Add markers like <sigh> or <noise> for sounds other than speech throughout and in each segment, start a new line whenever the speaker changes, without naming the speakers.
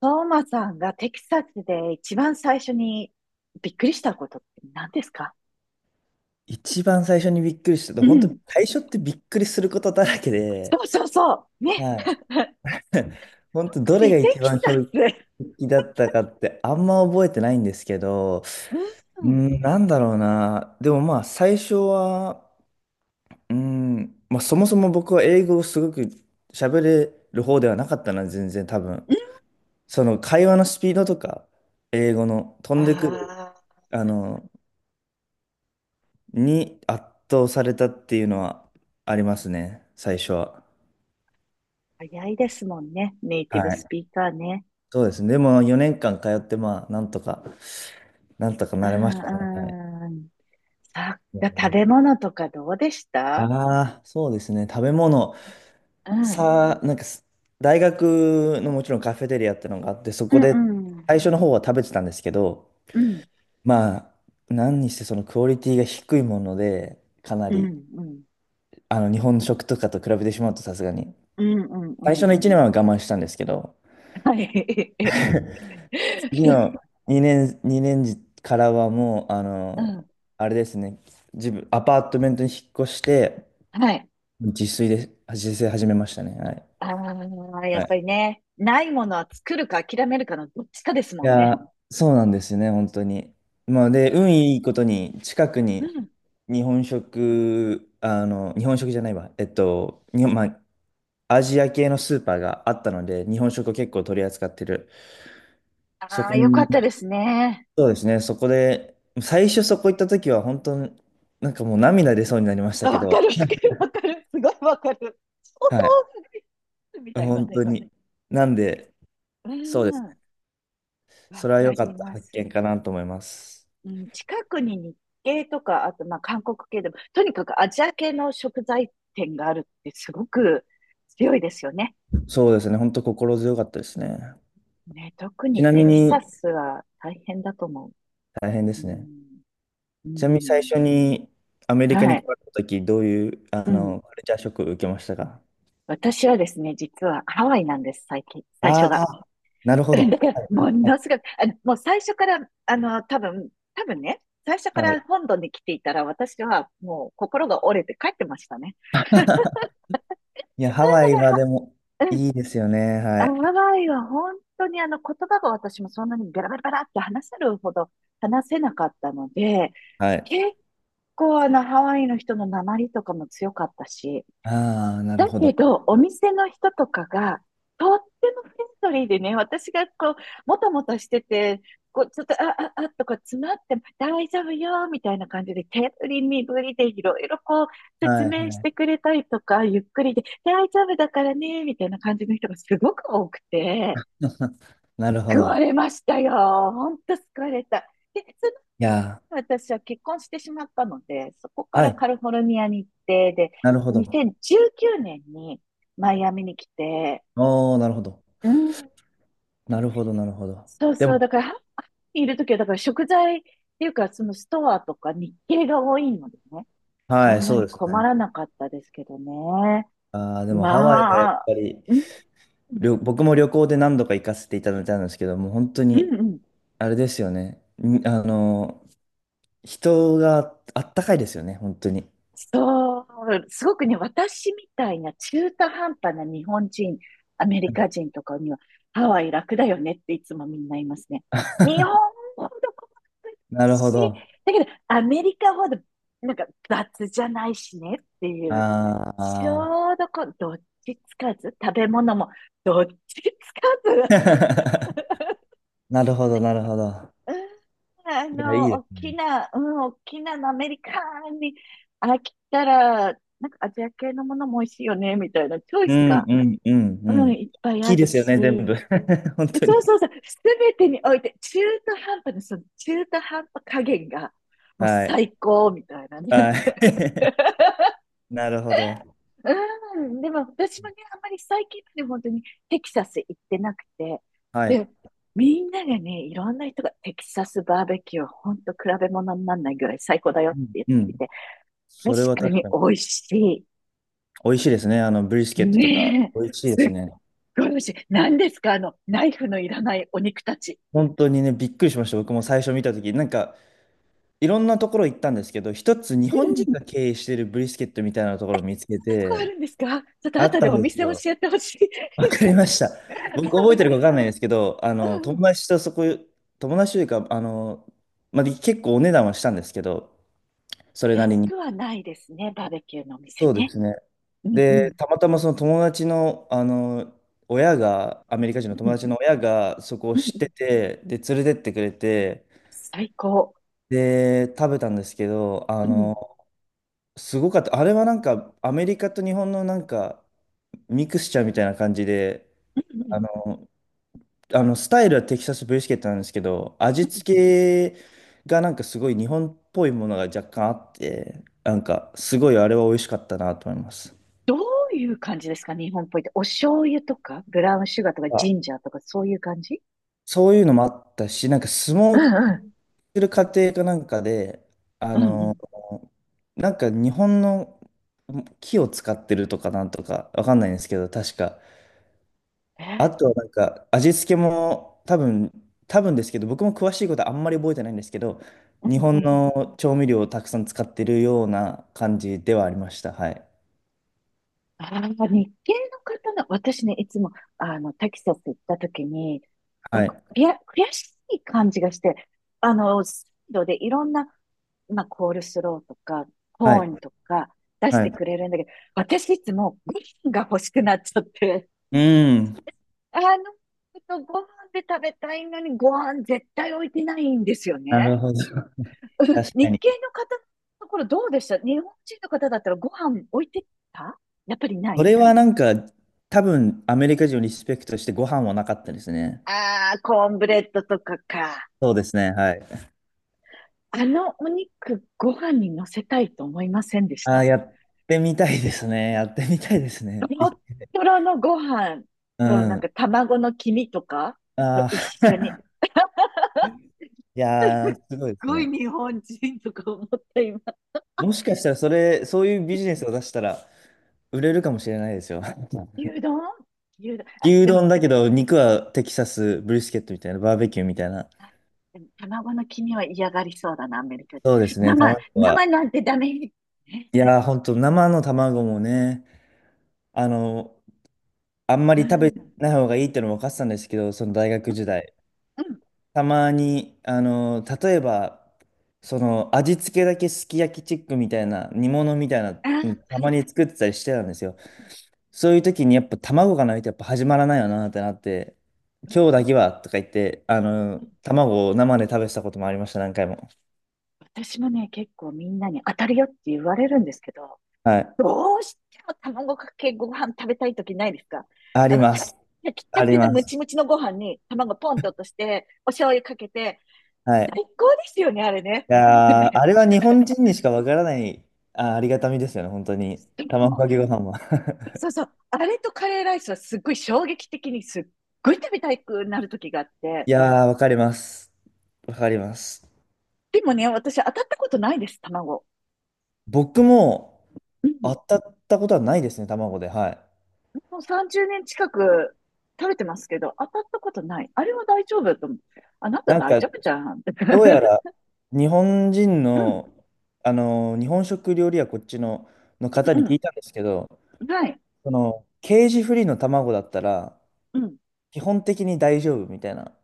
トーマさんがテキサスで一番最初にびっくりしたことって何ですか？
一番最初にびっくりしたと、
う
本当
ん。
最初ってびっくりすることだらけで、
そうそうそう。ね。
はい。<laughs> 本当ど
特
れ
に
が
テ
一
キ
番
サ
衝
ス。
撃だったかってあんま覚えてないんですけど、う
うん。
ん、なんだろうな。でもまあ最初は、うん、まあそもそも僕は英語をすごく喋れる方ではなかったな、全然多分。その会話のスピードとか、英語の飛んでくる、
ああ、
あの、に圧倒されたっていうのはありますね、最初は。
早いですもんね、ネイ
は
ティブ
い。
スピーカーね。
そうですね。でも4年間通って、まあ、なんとか、なんとか
う
なれましたね。はい。
んうん。さ、食べ物とかどうでした？
ああ、そうですね。食べ物。
うん。
さあ、なんかす、大学のもちろんカフェテリアってのがあって、そ
う
こ
ん
で
うん。
最初の方は食べてたんですけど、
うん。
まあ、何にしてそのクオリティが低いもので、かな
うん
り、
うん。
日本食とかと比べてしまうとさすがに。
うんうん
最
う
初の
ん。
1年は我慢したんですけど、
はい。
<laughs>
<laughs>
今、2年、二年時からはもう、
うん。
あれですね、自分、アパートメントに引っ越して、
はい。
自炊で、自炊始めましたね。はい。
ああ、や
は
っぱ
い。
りね、ないものは作るか諦めるかのどっちかですも
い
ん
や
ね。
ー、そうなんですよね、本当に。まあ、で、運いいことに、近く
う
に
ん。
日本食、日本食じゃないわ、日本、まあ、アジア系のスーパーがあったので、日本食を結構取り扱ってる。そ
ああ、
こ
よかった
に
ですね。
そうですね、そこで、最初そこ行った時は本当に、なんかもう涙出そうになりました
あ、
け
わか
ど、
る、わかる、わかる。すごいわかる。お豆
はい、
腐がいつみたいな
本
ね。
当に。なんで、
う
そうです
ん。
ね、
わ
それは良
か
か
り
った
ま
発
す。
見かなと思います。
うん、近くに日系とか、あとまあ韓国系でも、とにかくアジア系の食材店があるってすごく強いですよね。
そうですね、本当心強かったですね。
ね、特
ち
に
なみ
テキサ
に、
スは大変だと思
大変で
う。う
すね。
ん。う
ちなみに最初
ん。
にアメリカ
は
に来
い。
られた時、どういう、
うん。
カルチャーショックを受けましたか？
私はですね、実はハワイなんです、最近、最初
あ
が。
あー、なるほ
<laughs> だか
ど。
ら、
は
も
い。
のすごく、もう最初から、多分、多分ね、最初か
は
ら
い。
本土に来ていたら、私はもう心が折れて帰ってましたね。
いや、ハ
うん、
ワ
だ
イ
から
は
は、
でも、
うん、
いいですよね、は
あのハ
い。
ワイは本当にあの言葉が私もそんなにベラベラベラって話せるほど話せなかったので、
はい。
結構あのハワイの人の訛りとかも強かったし、
ああ、なる
だ
ほ
け
ど。
ど、お店の人とかが、とってもフレンドリーでね、私がこう、もたもたしてて、こう、ちょっと、あ、あ、あ、とか詰まっても、大丈夫よ、みたいな感じで、手振り身振りでいろいろこう、説
は
明
い。
してくれたりとか、ゆっくりで、大丈夫だからね、みたいな感じの人がすごく多くて、
<laughs> なるほ
救わ
ど。
れましたよ。ほんと救われた。で、
いや
私は結婚してしまったので、そこ
ー、
か
は
ら
い。
カリフォルニアに行って、で、
なるほど。
2019年にマイアミに来て、
おー、なるほど。
うん。
なるほど、なるほど。
そう
でも、
そう、だから、ハワイにいるときは、だから食材っていうか、そのストアとか日系が多いのでね、
は
そ
い、
んな
そう
に
です
困
ね。
らなかったですけどね。
あー、でもハワイはやっ
まあ、
ぱり、
うん、
僕も旅行で何度か行かせていただいたんですけど、もう本当
う
に、
ん、うん。
あれですよね。人があったかいですよね、本当に。
そう、すごくね、私みたいな中途半端な日本人、アメリ
は
カ
い。
人とかには、ハワイ楽だよねっていつもみんな言いますね。日本ほど細かくない
なるほ
し、
ど。
だけどアメリカほどなんか雑じゃないしねっていう、ち
あ
ょうどこう、どっちつかず、食べ物もどっちつかず、
ー、<laughs> なるほど、なるほど。
うん、
いや、いいで
大
す
き
ね。
な、うん、大きなのアメリカンに飽きたら、なんかアジア系のものも美味しいよね、みたいなチョイ
う
ス
ん、
が、
うん、うん、う
うん、
ん。大
いっぱい
き
あ
い
る
ですよね、全
し、
部。<laughs> 本当
そう
に。
そうそう、すべてにおいて、中途半端な、その中途半端加減が、もう
はい。
最高、みたいなね。
はい。<laughs>
<laughs>
なるほど。
うん、でも私もね、あんまり最近まで本当にテキサス行ってなくて、
は
で、
い。
みんながね、いろんな人がテキサスバーベキューは本当比べ物にならないぐらい最高だよって言っ
う
てい
ん。
て、
そ
確
れは
か
確
に
かに。
美味し
美味しいですね。ブリス
い。
ケットとか。
ねえ、
美味しいで
すっ
すね。
ごい美味しい。何ですかあの、ナイフのいらないお肉たち。
本当にね、びっくりしました。僕も最初見たとき。なんか、いろんなところ行ったんですけど、一つ日
うん、そ
本
んな
人が経営してるブリスケットみたいなところを見つけ
とこあ
て、
るんですか？ちょっと
あっ
後で
たん
お
です
店教
よ。
えてほしい。
わかりました。僕覚えてるかわかん
<laughs>
ないですけど、
うんうん、
友達というか、まあ、結構お値段はしたんですけど、それなり
安
に。
くはないですね、バーベキューのお店
そうで
ね。
すね。
うんう
で、
ん、
たまたまその友達の、あの、親が、アメリカ人の
う
友
ん、
達の親がそこを
うん
知
う
っ
ん。
てて、で、連れてってくれて、
最高。
で、食べたんですけど、
うん。
すごかった。あれはなんか、アメリカと日本のなんか、ミクスチャーみたいな感じで、
うんうん
あの、あのスタイルはテキサスブリスケットなんですけど、
う
味
ん。
付けがなんかすごい日本っぽいものが若干あって、なんか、すごいあれは美味しかったなと思います。
どういう感じですか、日本っぽいって。お醤油とか、ブラウンシュガーとか、ジンジャーとか、そういう感じ？
そういうのもあったし、なんか相
うん
撲
うん。
する過程かなんかで、あ
うんう
の、
ん。
なんか日本の木を使ってるとかなんとかわかんないんですけど、確か。
え
あ
ー、
とはなんか味付けも多分ですけど、僕も詳しいことはあんまり覚えてないんですけど、
う
日
ん
本
うん。
の調味料をたくさん使ってるような感じではありました。はい。
ああ、日系の方の、私ね、いつも、テキサス行った時に、なん
は
か
い。
悔しい感じがして、サイドでいろんな、まあ、コールスローとか、
は
コー
い。
ンとか出し
は
て
い。
くれるんだけど、私いつもご飯が欲しくなっちゃって、
うん。
あの、ちょっとご飯で食べたいのにご飯絶対置いてないんですよ
な
ね。
るほど。
<laughs> うん、
確か
日
に。
系の方のところどうでした？日本人の方だったらご飯置いてた？やっぱりな
そ
い？
れはなんか、多分アメリカ人をリスペクトしてご飯はなかったですね。
ああー、コーンブレッドとかか。
そうですね、はい。
あのお肉ご飯に乗せたいと思いませんでし
あー
た？
やってみたいですね。やってみたいです
ト
ね。い
ロトロのご飯
う
となんか
ん。
卵の黄身とかと
あ
一緒に。
あ、<laughs> い
<laughs> す
やー、
っ
すごいです
ごい
ね。
日本人とか思った今。
もしかしたらそれ、そういうビジネスを出したら売れるかもしれないですよ。<laughs>
牛丼牛丼。あ、
牛
でも
丼だけど、肉はテキサスブリスケットみたいな、バーベキューみたいな。
でも卵の黄身は嫌がりそうだな、アメリカ人。
そうですね、
生、
卵は。
生なんてダメ。ね。
いやー、ほんと、生の卵もね、あの、あんま
う
り食べ
ん。
ない方がいいってのも分かってたんですけど、その大学時代。
うんうん。
たまに、例えば、その、味付けだけすき焼きチックみたいな、煮物みたいな、
あー、
た
は
ま
い。
に作ってたりしてたんですよ。そういう時にやっぱ卵がないとやっぱ始まらないよなってなって、
うん、
今日だけはとか言って、卵を生で食べてたこともありました、何回も。
私もね、結構みんなに当たるよって言われるんですけど、
はい。
どうしても卵かけご飯食べたい時ないですか？
あり
あの、
ま
炊き
す。
炊きた
あり
ての
ま
ム
す。
チムチのご飯に卵ポンと落として、お醤油かけて、
は
最
い。
高ですよね、あれね。
い
ほんと
やー
ね、
あれは日本人にしかわからない、ありがたみですよね、本当に。卵かけご飯は。
そう
<laughs>
そう。あれとカレーライスはすっごい衝撃的にすっごい食べたくなる時があって。
いやー、わかります。わかります。
でもね、私当たったことないです、卵。
僕も
う
当
ん。
たったことはないですね、卵で。はい。
もう30年近く食べてますけど、当たったことない。あれは大丈夫と思う。あなた
なん
大
か、
丈夫じゃん。
どうやら
<laughs>
日本人
うん。
の、日本食料理はこっちの方
う
に聞
ん
いたんですけど、
うん。はい。
その、ケージフリーの卵だったら、
うん。
基本的に大丈夫みたいな。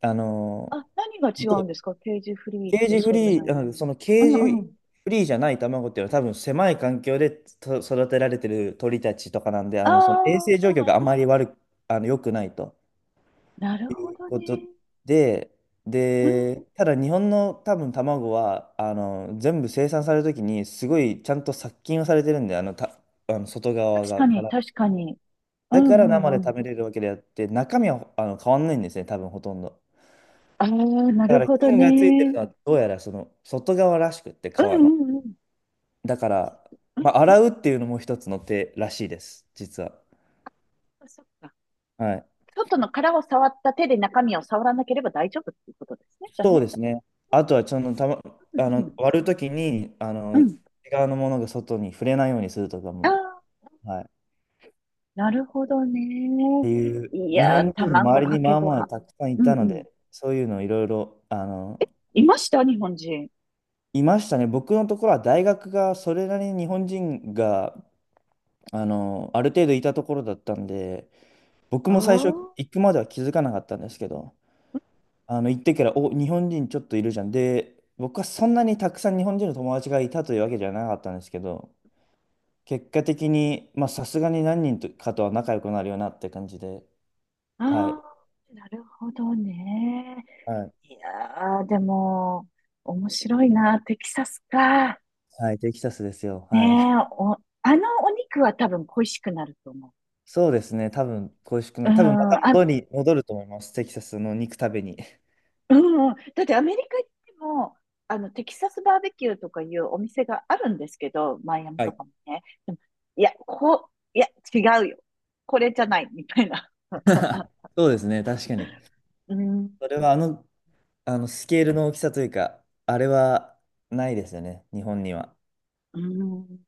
あの、
あ、何が違
で
うんですか、ケージフリーとそうじゃない？う
ケー
んう
ジ
ん。
フリーじゃない卵っていうのは多分狭い環境でと育てられてる鳥たちとかなんで、
あ
その衛生状況があま
あ、
り悪く、あの、良くないと。
なる
い
ほ
う
どね。
ことで、
うん。
で、ただ日本の多分卵は、全部生産されるときに、すごいちゃんと殺菌をされてるんで、あの、た、あの外側
確
が
か
か
に、
ら。
確かに。う
だ
ん
から
うん
生
う
で
ん。
食べれるわけであって、中身は変わんないんですね、多分ほとんど。
ああ、な
だか
る
ら
ほど
菌がついてる
ね。
のは、どうやらその外側らしくって、皮
うん
の。
うんうん。
だから、
うん、
まあ、洗うっていうのも一つの手らしいです、実は。
そっか。
はい。
外の殻を触った手で中身を触らなければ大丈夫っていうことですね、じゃあ
そう
ね。
ですね。あとは、その、たま、
うん
あ
う
の、
ん。
割るときに、
うん。
内側のものが外に触れないようにするとか
あ
も、
あ、
はい。っ
なるほどね。
ていう、
い
日
やー、
本人の周
卵
り
か
に
け
まあ
ご
まあ
飯。
たくさん
う
い
ん
た
う
の
ん。
で、そういうのいろいろ、
いました日本人。
いましたね。僕のところは大学がそれなりに日本人が、ある程度いたところだったんで、僕
あ
も最初
あ、
行くまでは気づかなかったんですけど、行ってから、お、日本人ちょっといるじゃん。で、僕はそんなにたくさん日本人の友達がいたというわけじゃなかったんですけど、結果的に、まあ、さすがに何人とかとは仲良くなるよなって感じで、
あ
はい。
あ、なるほどね。
はい。
いやー、でも、面白いな。テキサスか。
はい、テキサスですよ。
ね
はい。
え、
<laughs>
お、あのお肉は多分恋しくなると思
そうですね。多分、恋しくな
う。う
る。
ん、
多分、また
あ、
戻ると思います。テキサスの肉食べに。
うんうん、だってアメリカ行っても、テキサスバーベキューとかいうお店があるんですけど、マイアミ
は
と
い。
かもね。でも、いや、こう、いや、違うよ。これじゃない、みたいな。
<laughs> そうですね。確かに。
うん。
それは、スケールの大きさというか、あれはないですよね。日本には。
うん